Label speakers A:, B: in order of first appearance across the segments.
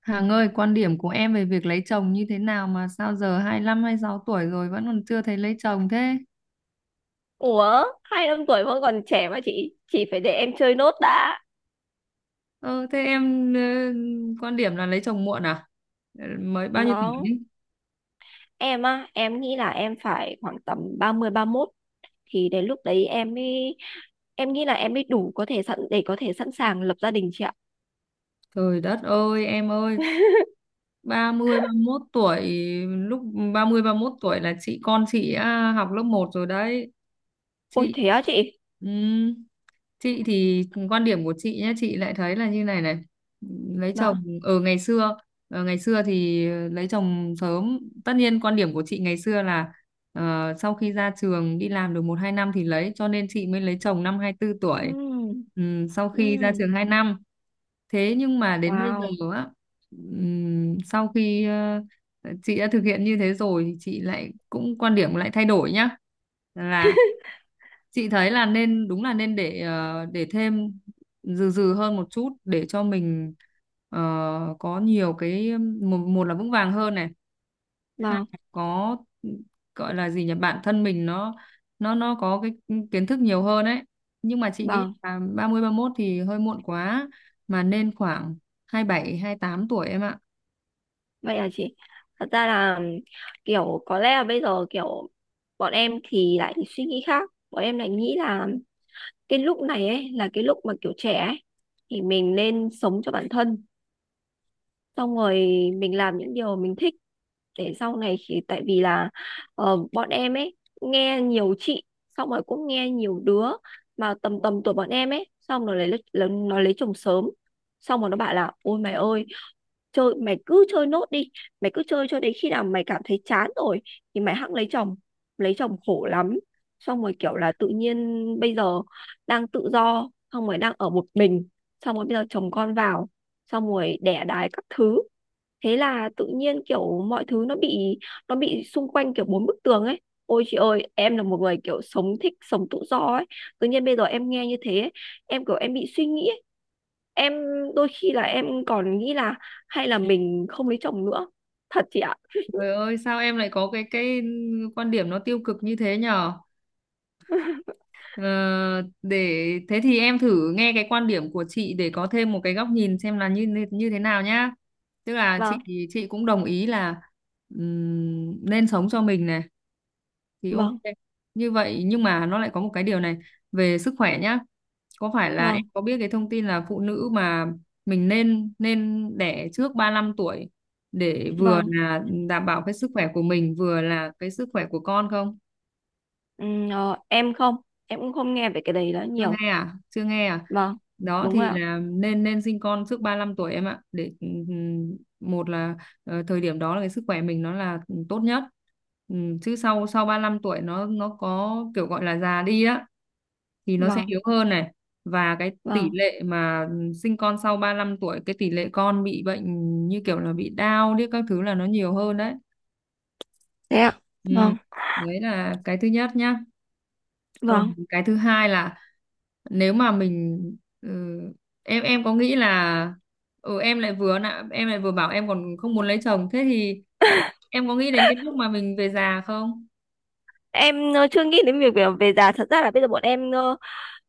A: Hằng ơi, quan điểm của em về việc lấy chồng như thế nào mà sao giờ 25, 26 tuổi rồi vẫn còn chưa thấy lấy chồng thế?
B: Ủa, 25 tuổi vẫn còn trẻ mà chị phải để em chơi nốt đã.
A: Ừ, thế em quan điểm là lấy chồng muộn à? Ờ, mới bao nhiêu tuổi
B: Vâng,
A: đi?
B: em á, em nghĩ là em phải khoảng tầm 30, 31 thì đến lúc đấy em mới em nghĩ là em mới đủ có thể sẵn sàng lập gia đình chị ạ.
A: Trời đất ơi, em ơi, 30, 31 tuổi, lúc 30, 31 tuổi là chị con chị à, học lớp một rồi đấy.
B: Ôi
A: chị
B: thế á chị.
A: ừm, chị thì quan điểm của chị nhé, chị lại thấy là như này này, lấy
B: Đó.
A: chồng ở ngày xưa, ngày xưa thì lấy chồng sớm. Tất nhiên quan điểm của chị ngày xưa là, sau khi ra trường đi làm được một hai năm thì lấy, cho nên chị mới lấy chồng năm 24 tuổi.
B: Ừm.
A: Sau khi ra
B: Ừm.
A: trường 2 năm, thế nhưng mà đến bây giờ
B: Wow.
A: á, sau khi chị đã thực hiện như thế rồi thì chị lại cũng quan điểm lại thay đổi nhá, là chị thấy là nên, đúng là nên để để thêm dừ dừ hơn một chút để cho mình, ờ, có nhiều cái, một là vững vàng hơn này, ha,
B: Vâng,
A: có gọi là gì nhỉ, bản thân mình nó nó có cái kiến thức nhiều hơn ấy. Nhưng mà chị nghĩ
B: vâng.
A: là 30, 31 thì hơi muộn quá, mà nên khoảng 27, 28 tuổi em ạ.
B: Vậy là chị. Thật ra là kiểu có lẽ là bây giờ kiểu bọn em thì lại suy nghĩ khác. Bọn em lại nghĩ là cái lúc này ấy là cái lúc mà kiểu trẻ ấy, thì mình nên sống cho bản thân, xong rồi mình làm những điều mình thích để sau này khi tại vì là bọn em ấy nghe nhiều chị, xong rồi cũng nghe nhiều đứa mà tầm tầm tuổi bọn em ấy, xong rồi nó lấy chồng sớm, xong rồi nó bảo là ôi mày ơi, mày cứ chơi nốt đi, mày cứ chơi cho đến khi nào mày cảm thấy chán rồi thì mày hẵng lấy chồng. Lấy chồng khổ lắm, xong rồi kiểu là tự nhiên bây giờ đang tự do, xong rồi đang ở một mình, xong rồi bây giờ chồng con vào, xong rồi đẻ đái các thứ, thế là tự nhiên kiểu mọi thứ nó bị xung quanh kiểu bốn bức tường ấy. Ôi chị ơi, em là một người kiểu thích sống tự do ấy, tự nhiên bây giờ em nghe như thế ấy, em kiểu em bị suy nghĩ ấy. Em đôi khi là em còn nghĩ là hay là mình không lấy chồng nữa, thật chị ạ.
A: Trời ơi sao em lại có cái quan điểm nó tiêu cực như thế nhở? Ờ, để thế thì em thử nghe cái quan điểm của chị để có thêm một cái góc nhìn xem là như như như thế nào nhá. Tức là chị
B: Vâng.
A: chị cũng đồng ý là, nên sống cho mình này thì ok
B: Vâng.
A: như vậy, nhưng mà nó lại có một cái điều này về sức khỏe nhá, có phải là em
B: Vâng.
A: có biết cái thông tin là phụ nữ mà mình nên nên đẻ trước 35 tuổi để vừa
B: Vâng.
A: là đảm bảo cái sức khỏe của mình, vừa là cái sức khỏe của con không?
B: Ờ, em không em cũng không nghe về cái đấy đó
A: Chưa
B: nhiều.
A: nghe à? Chưa nghe à?
B: Vâng.
A: Đó
B: Đúng rồi
A: thì
B: ạ.
A: là nên nên sinh con trước 35 tuổi em ạ, để một là thời điểm đó là cái sức khỏe mình nó là tốt nhất. Chứ sau sau 35 tuổi nó có kiểu gọi là già đi á, thì nó sẽ
B: Vâng.
A: yếu hơn này, và cái tỷ
B: Vâng.
A: lệ mà sinh con sau 35 tuổi cái tỷ lệ con bị bệnh như kiểu là bị đau đi các thứ là nó nhiều hơn đấy.
B: Thế ạ.
A: Ừ.
B: Vâng.
A: Đấy là cái thứ nhất nhá, còn
B: Vâng.
A: cái thứ hai là nếu mà mình, ừ, em có nghĩ là, ừ, em lại vừa nạ em lại vừa bảo em còn không muốn lấy chồng thế thì em có nghĩ đến cái lúc mà mình về già không?
B: Em chưa nghĩ đến việc về già, thật ra là bây giờ bọn em ờ,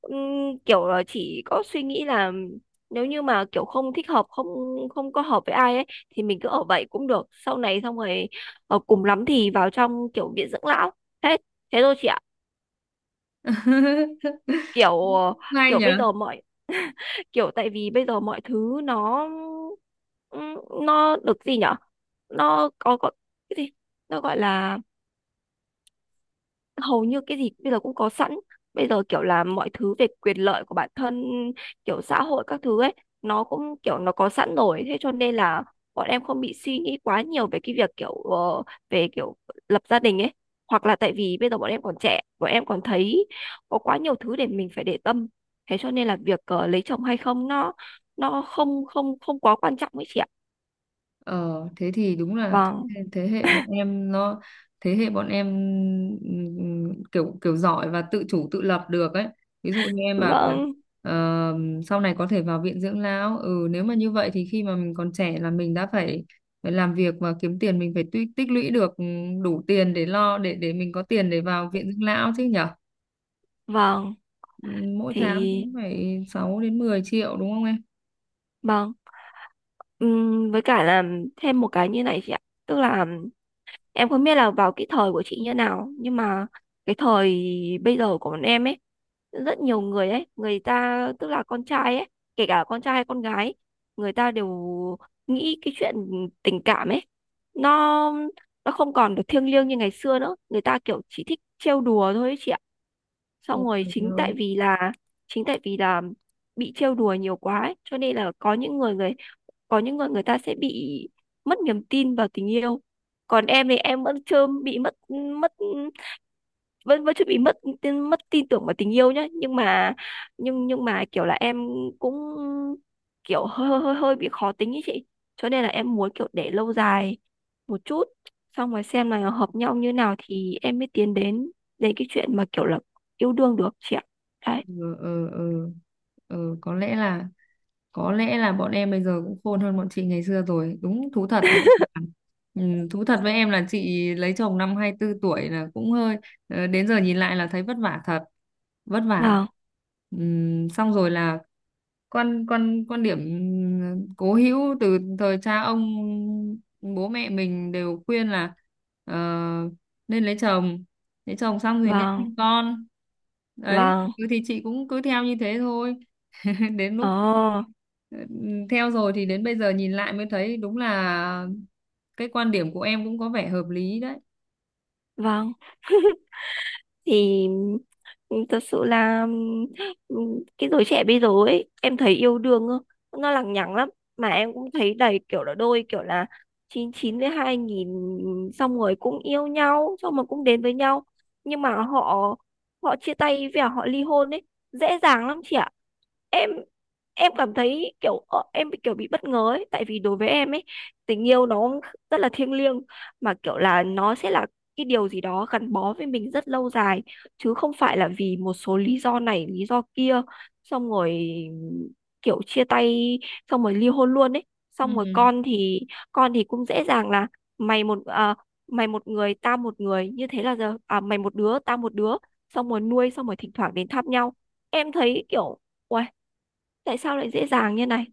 B: ừm, kiểu là chỉ có suy nghĩ là nếu như mà kiểu không thích hợp, không không có hợp với ai ấy thì mình cứ ở vậy cũng được, sau này xong rồi cùng lắm thì vào trong kiểu viện dưỡng lão, thế thế thôi chị ạ. Kiểu ờ,
A: Hay
B: kiểu
A: nhỉ.
B: bây giờ mọi kiểu tại vì bây giờ mọi thứ ừm, nó được gì nhở? Nó có cái gì, nó gọi là hầu như cái gì bây giờ cũng có sẵn. Bây giờ kiểu là mọi thứ về quyền lợi của bản thân, kiểu xã hội các thứ ấy, nó cũng kiểu nó có sẵn rồi, thế cho nên là bọn em không bị suy nghĩ quá nhiều về cái việc kiểu về kiểu lập gia đình ấy, hoặc là tại vì bây giờ bọn em còn trẻ, bọn em còn thấy có quá nhiều thứ để mình phải để tâm, thế cho nên là việc lấy chồng hay không, nó không không không quá quan trọng ấy chị ạ.
A: Ờ, thế thì đúng là,
B: Vâng.
A: thế thế hệ bọn em nó, thế hệ bọn em, kiểu kiểu giỏi và tự chủ tự lập được ấy. Ví dụ như em bảo là,
B: Vâng.
A: ờ, sau này có thể vào viện dưỡng lão. Ừ nếu mà như vậy thì khi mà mình còn trẻ là mình đã phải phải làm việc và kiếm tiền, mình phải tích tích lũy được đủ tiền để lo, để mình có tiền để vào viện dưỡng lão chứ nhở.
B: Vâng.
A: Mỗi
B: Thì
A: tháng cũng phải 6 đến 10 triệu đúng không em?
B: vâng. Với cả là thêm một cái như này chị ạ, tức là em không biết là vào cái thời của chị như nào, nhưng mà cái thời bây giờ của bọn em ấy, rất nhiều người ấy, người ta tức là con trai ấy, kể cả con trai hay con gái, người ta đều nghĩ cái chuyện tình cảm ấy, nó nó không còn được thiêng liêng như ngày xưa nữa, người ta kiểu chỉ thích trêu đùa thôi ấy chị ạ.
A: Ôi
B: Xong rồi
A: trời ơi.
B: chính tại vì là bị trêu đùa nhiều quá ấy, cho nên là có những người, người ta sẽ bị mất niềm tin vào tình yêu. Còn em thì em vẫn chưa bị mất mất, vẫn vẫn chưa bị mất tin tưởng vào tình yêu nhá, nhưng mà kiểu là em cũng kiểu hơi hơi hơi hơi bị khó tính ý chị, cho nên là em muốn kiểu để lâu dài một chút, xong rồi xem là hợp nhau như nào thì em mới tiến đến đến cái chuyện mà kiểu là yêu đương được chị ạ. Đấy.
A: Ừ, ừ, ừ. Ừ, có lẽ là, có lẽ là bọn em bây giờ cũng khôn hơn bọn chị ngày xưa rồi. Đúng thú thật với em. Là- ừ, thú thật với em là chị lấy chồng năm 24 tuổi là cũng hơi đến giờ nhìn lại là thấy vất vả thật, vất vả.
B: Vâng.
A: Xong rồi là quan quan quan điểm cố hữu từ thời cha ông, bố mẹ mình đều khuyên là, ờ, nên lấy chồng, lấy chồng xong thì nên
B: Vâng.
A: sinh con. Đấy
B: Vâng.
A: cứ thì chị cũng cứ theo như thế thôi. Đến lúc,
B: Ờ.
A: ừ, theo rồi thì đến bây giờ nhìn lại mới thấy đúng là cái quan điểm của em cũng có vẻ hợp lý đấy.
B: Vâng. Thì thật sự là cái giới trẻ bây giờ ấy em thấy yêu đương nó lằng nhằng lắm. Mà em cũng thấy đầy kiểu là đôi kiểu là 99 với 2000, xong rồi cũng yêu nhau, xong rồi cũng đến với nhau, nhưng mà họ họ chia tay và họ ly hôn ấy, dễ dàng lắm chị ạ. Em em cảm thấy kiểu em bị kiểu bị bất ngờ ấy, tại vì đối với em ấy, tình yêu nó rất là thiêng liêng, mà kiểu là nó sẽ là cái điều gì đó gắn bó với mình rất lâu dài, chứ không phải là vì một số lý do này lý do kia, xong rồi kiểu chia tay, xong rồi ly hôn luôn ấy. Xong rồi
A: Ừ.
B: con thì cũng dễ dàng là mày một à, mày một người tao một người, như thế là giờ à, mày một đứa tao một đứa, xong rồi nuôi, xong rồi thỉnh thoảng đến thăm nhau. Em thấy kiểu uầy, tại sao lại dễ dàng như này?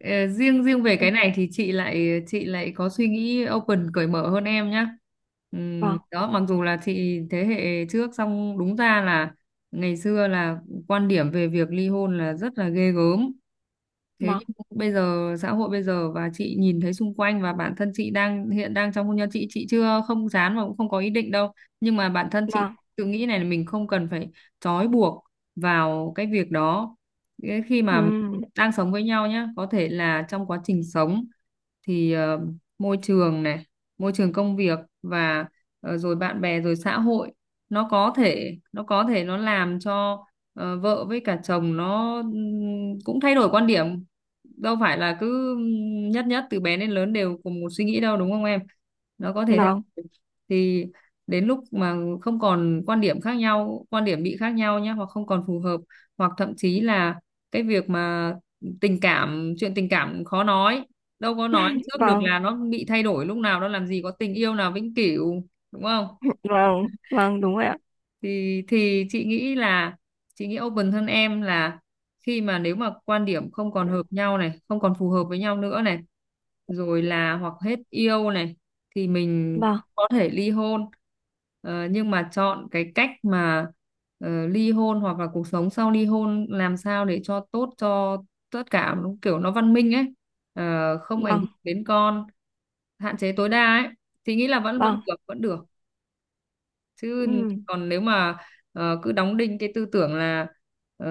A: Ờ, riêng riêng về
B: Ừ.
A: cái này thì chị lại có suy nghĩ open cởi mở hơn em nhá.
B: Vâng.
A: Đó mặc dù là chị thế hệ trước xong đúng ra là ngày xưa là quan điểm về việc ly hôn là rất là ghê gớm, thế
B: Vâng.
A: nhưng mà bây giờ xã hội bây giờ và chị nhìn thấy xung quanh và bản thân chị đang hiện đang trong hôn nhân, chị chưa không dám và cũng không có ý định đâu, nhưng mà bản thân chị
B: Vâng.
A: tự nghĩ này là mình không cần phải trói buộc vào cái việc đó. Cái khi mà
B: Ừ.
A: đang sống với nhau nhá, có thể là trong quá trình sống thì môi trường này, môi trường công việc và rồi bạn bè rồi xã hội, nó có thể nó làm cho vợ với cả chồng nó, cũng thay đổi quan điểm. Đâu phải là cứ nhất nhất từ bé đến lớn đều cùng một suy nghĩ đâu đúng không em? Nó có thể thay
B: Vâng.
A: đổi. Thì đến lúc mà không còn quan điểm khác nhau, quan điểm bị khác nhau nhé, hoặc không còn phù hợp hoặc thậm chí là cái việc mà tình cảm, chuyện tình cảm khó nói, đâu có nói
B: Vâng.
A: trước được
B: Vâng.
A: là nó bị thay đổi lúc nào đâu, làm gì có tình yêu nào vĩnh cửu đúng không.
B: Vâng. Vâng, đúng rồi ạ.
A: Thì chị nghĩ là chị nghĩ open hơn em là khi mà nếu mà quan điểm không còn hợp nhau này, không còn phù hợp với nhau nữa này, rồi là hoặc hết yêu này thì mình
B: Vâng.
A: có thể ly hôn. Ờ, nhưng mà chọn cái cách mà ly hôn hoặc là cuộc sống sau ly hôn làm sao để cho tốt cho tất cả, nó kiểu nó văn minh ấy. Ờ, không ảnh hưởng
B: Vâng.
A: đến con, hạn chế tối đa ấy thì nghĩ là vẫn vẫn
B: Vâng.
A: được, vẫn được chứ.
B: Ừ.
A: Còn nếu mà cứ đóng đinh cái tư tưởng là, ờ,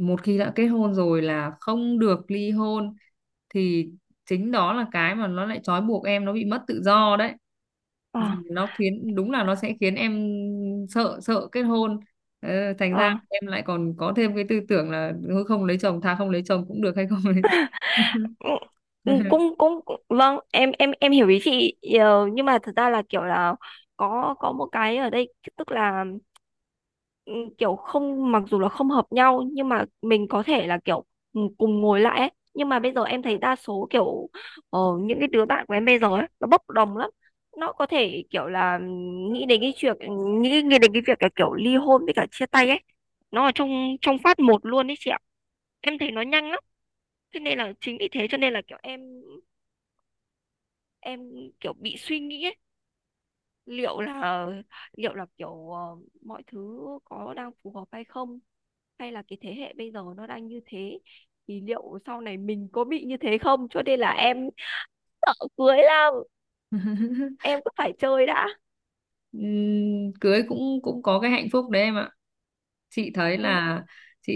A: một khi đã kết hôn rồi là không được ly hôn thì chính đó là cái mà nó lại trói buộc em, nó bị mất tự do đấy,
B: Ờ.
A: và nó khiến đúng là nó sẽ khiến em sợ sợ kết hôn. Ờ, thành ra
B: Ờ.
A: em lại còn có thêm cái tư tưởng là thôi không lấy chồng, thà không lấy chồng cũng được hay không lấy.
B: Ừ. Ừ, cũng cũng cũng- vâng em hiểu ý chị. Ờ, nhưng mà thật ra là kiểu là có một cái ở đây, tức là ừ, kiểu không, mặc dù là không hợp nhau, nhưng mà mình có thể là kiểu cùng ngồi lại ấy. Nhưng mà bây giờ em thấy đa số kiểu những cái đứa bạn của em bây giờ ấy nó bốc đồng lắm, nó có thể kiểu là nghĩ đến cái chuyện nghĩ đến cái việc là kiểu ly hôn với cả chia tay ấy, nó ở trong trong phát một luôn ấy chị ạ, em thấy nó nhanh lắm. Thế nên là chính vì thế cho nên là kiểu em kiểu bị suy nghĩ ấy, liệu là liệu là kiểu mọi thứ có đang phù hợp hay không, hay là cái thế hệ bây giờ nó đang như thế thì liệu sau này mình có bị như thế không, cho nên là em sợ cưới lắm, em cứ phải chơi đã.
A: Cưới cũng cũng có cái hạnh phúc đấy em ạ, chị thấy
B: Ừ,
A: là chị,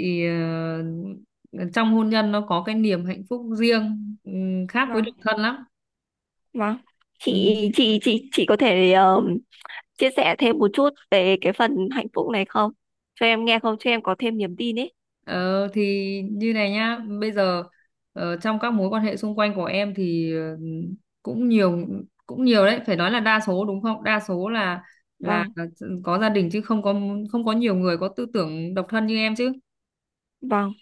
A: ờ, trong hôn nhân nó có cái niềm hạnh phúc riêng, khác với
B: vâng,
A: độc thân lắm.
B: vâng. chị
A: Ừm.
B: chị chị chị có thể chia sẻ thêm một chút về cái phần hạnh phúc này không, cho em nghe, không cho em có thêm niềm tin ấy?
A: Ờ, thì như này nhá, bây giờ trong các mối quan hệ xung quanh của em thì cũng nhiều, cũng nhiều đấy phải nói là đa số đúng không, đa số là là
B: Vâng.
A: có gia đình chứ không có, không có nhiều người có tư tưởng độc thân như em chứ.
B: Vâng,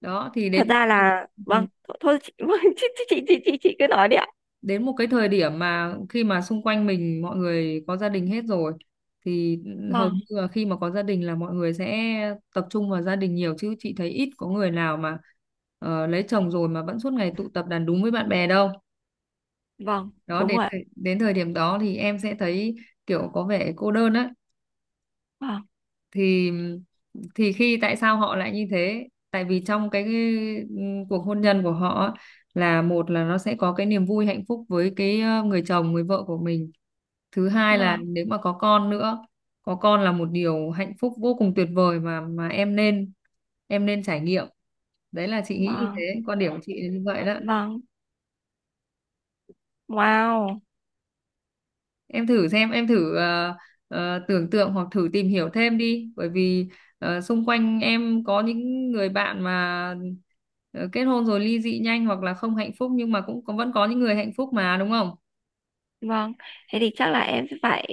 A: Đó thì
B: thật
A: đến,
B: ra là
A: ừ,
B: vâng thôi, thôi chị, vâng, chị, chị cứ nói đi ạ.
A: đến một cái thời điểm mà khi mà xung quanh mình mọi người có gia đình hết rồi thì hầu
B: Vâng.
A: như là khi mà có gia đình là mọi người sẽ tập trung vào gia đình nhiều chứ chị thấy ít có người nào mà, lấy chồng rồi mà vẫn suốt ngày tụ tập đàn đúng với bạn bè đâu.
B: Vâng,
A: Đó
B: đúng rồi ạ.
A: đến thời điểm đó thì em sẽ thấy kiểu có vẻ cô đơn á.
B: Vâng.
A: Thì thì khi tại sao họ lại như thế, tại vì trong cái, cuộc hôn nhân của họ á, là một là nó sẽ có cái niềm vui hạnh phúc với cái, người chồng người vợ của mình, thứ hai là
B: Vâng.
A: nếu mà có con nữa, có con là một điều hạnh phúc vô cùng tuyệt vời mà em nên, em nên trải nghiệm. Đấy là chị nghĩ như
B: Vâng.
A: thế, quan điểm của chị là như vậy đó.
B: Vâng. Wow.
A: Em thử xem, em thử tưởng tượng hoặc thử tìm hiểu thêm đi, bởi vì xung quanh em có những người bạn mà kết hôn rồi ly dị nhanh hoặc là không hạnh phúc nhưng mà cũng vẫn có những người hạnh phúc mà đúng không.
B: Vâng. Thế thì chắc là em sẽ phải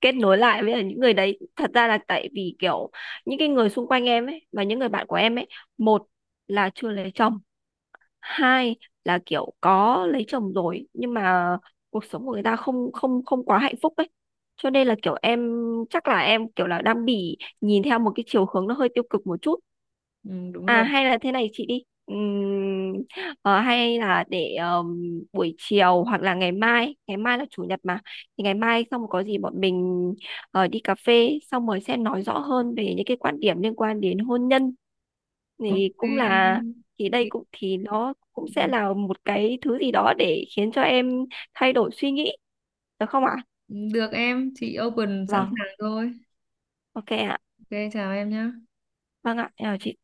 B: kết nối lại với những người đấy, thật ra là tại vì kiểu những cái người xung quanh em ấy và những người bạn của em ấy, một là chưa lấy chồng, hai là kiểu có lấy chồng rồi nhưng mà cuộc sống của người ta không không không quá hạnh phúc ấy, cho nên là kiểu em chắc là em kiểu là đang bị nhìn theo một cái chiều hướng nó hơi tiêu cực một chút.
A: Ừ, đúng
B: À
A: rồi.
B: hay là thế này chị đi, hay là để buổi chiều, hoặc là ngày mai là chủ nhật mà, thì ngày mai xong rồi có gì bọn mình đi cà phê, xong rồi sẽ nói rõ hơn về những cái quan điểm liên quan đến hôn nhân, thì
A: Ok
B: cũng
A: em.
B: là,
A: Chị-
B: thì nó cũng
A: ừ,
B: sẽ là một cái thứ gì đó để khiến cho em thay đổi suy nghĩ, được không ạ?
A: được em, chị open sẵn
B: Vâng,
A: sàng thôi.
B: ok ạ.
A: Ok, chào em nhé.
B: Vâng ạ, em chào chị.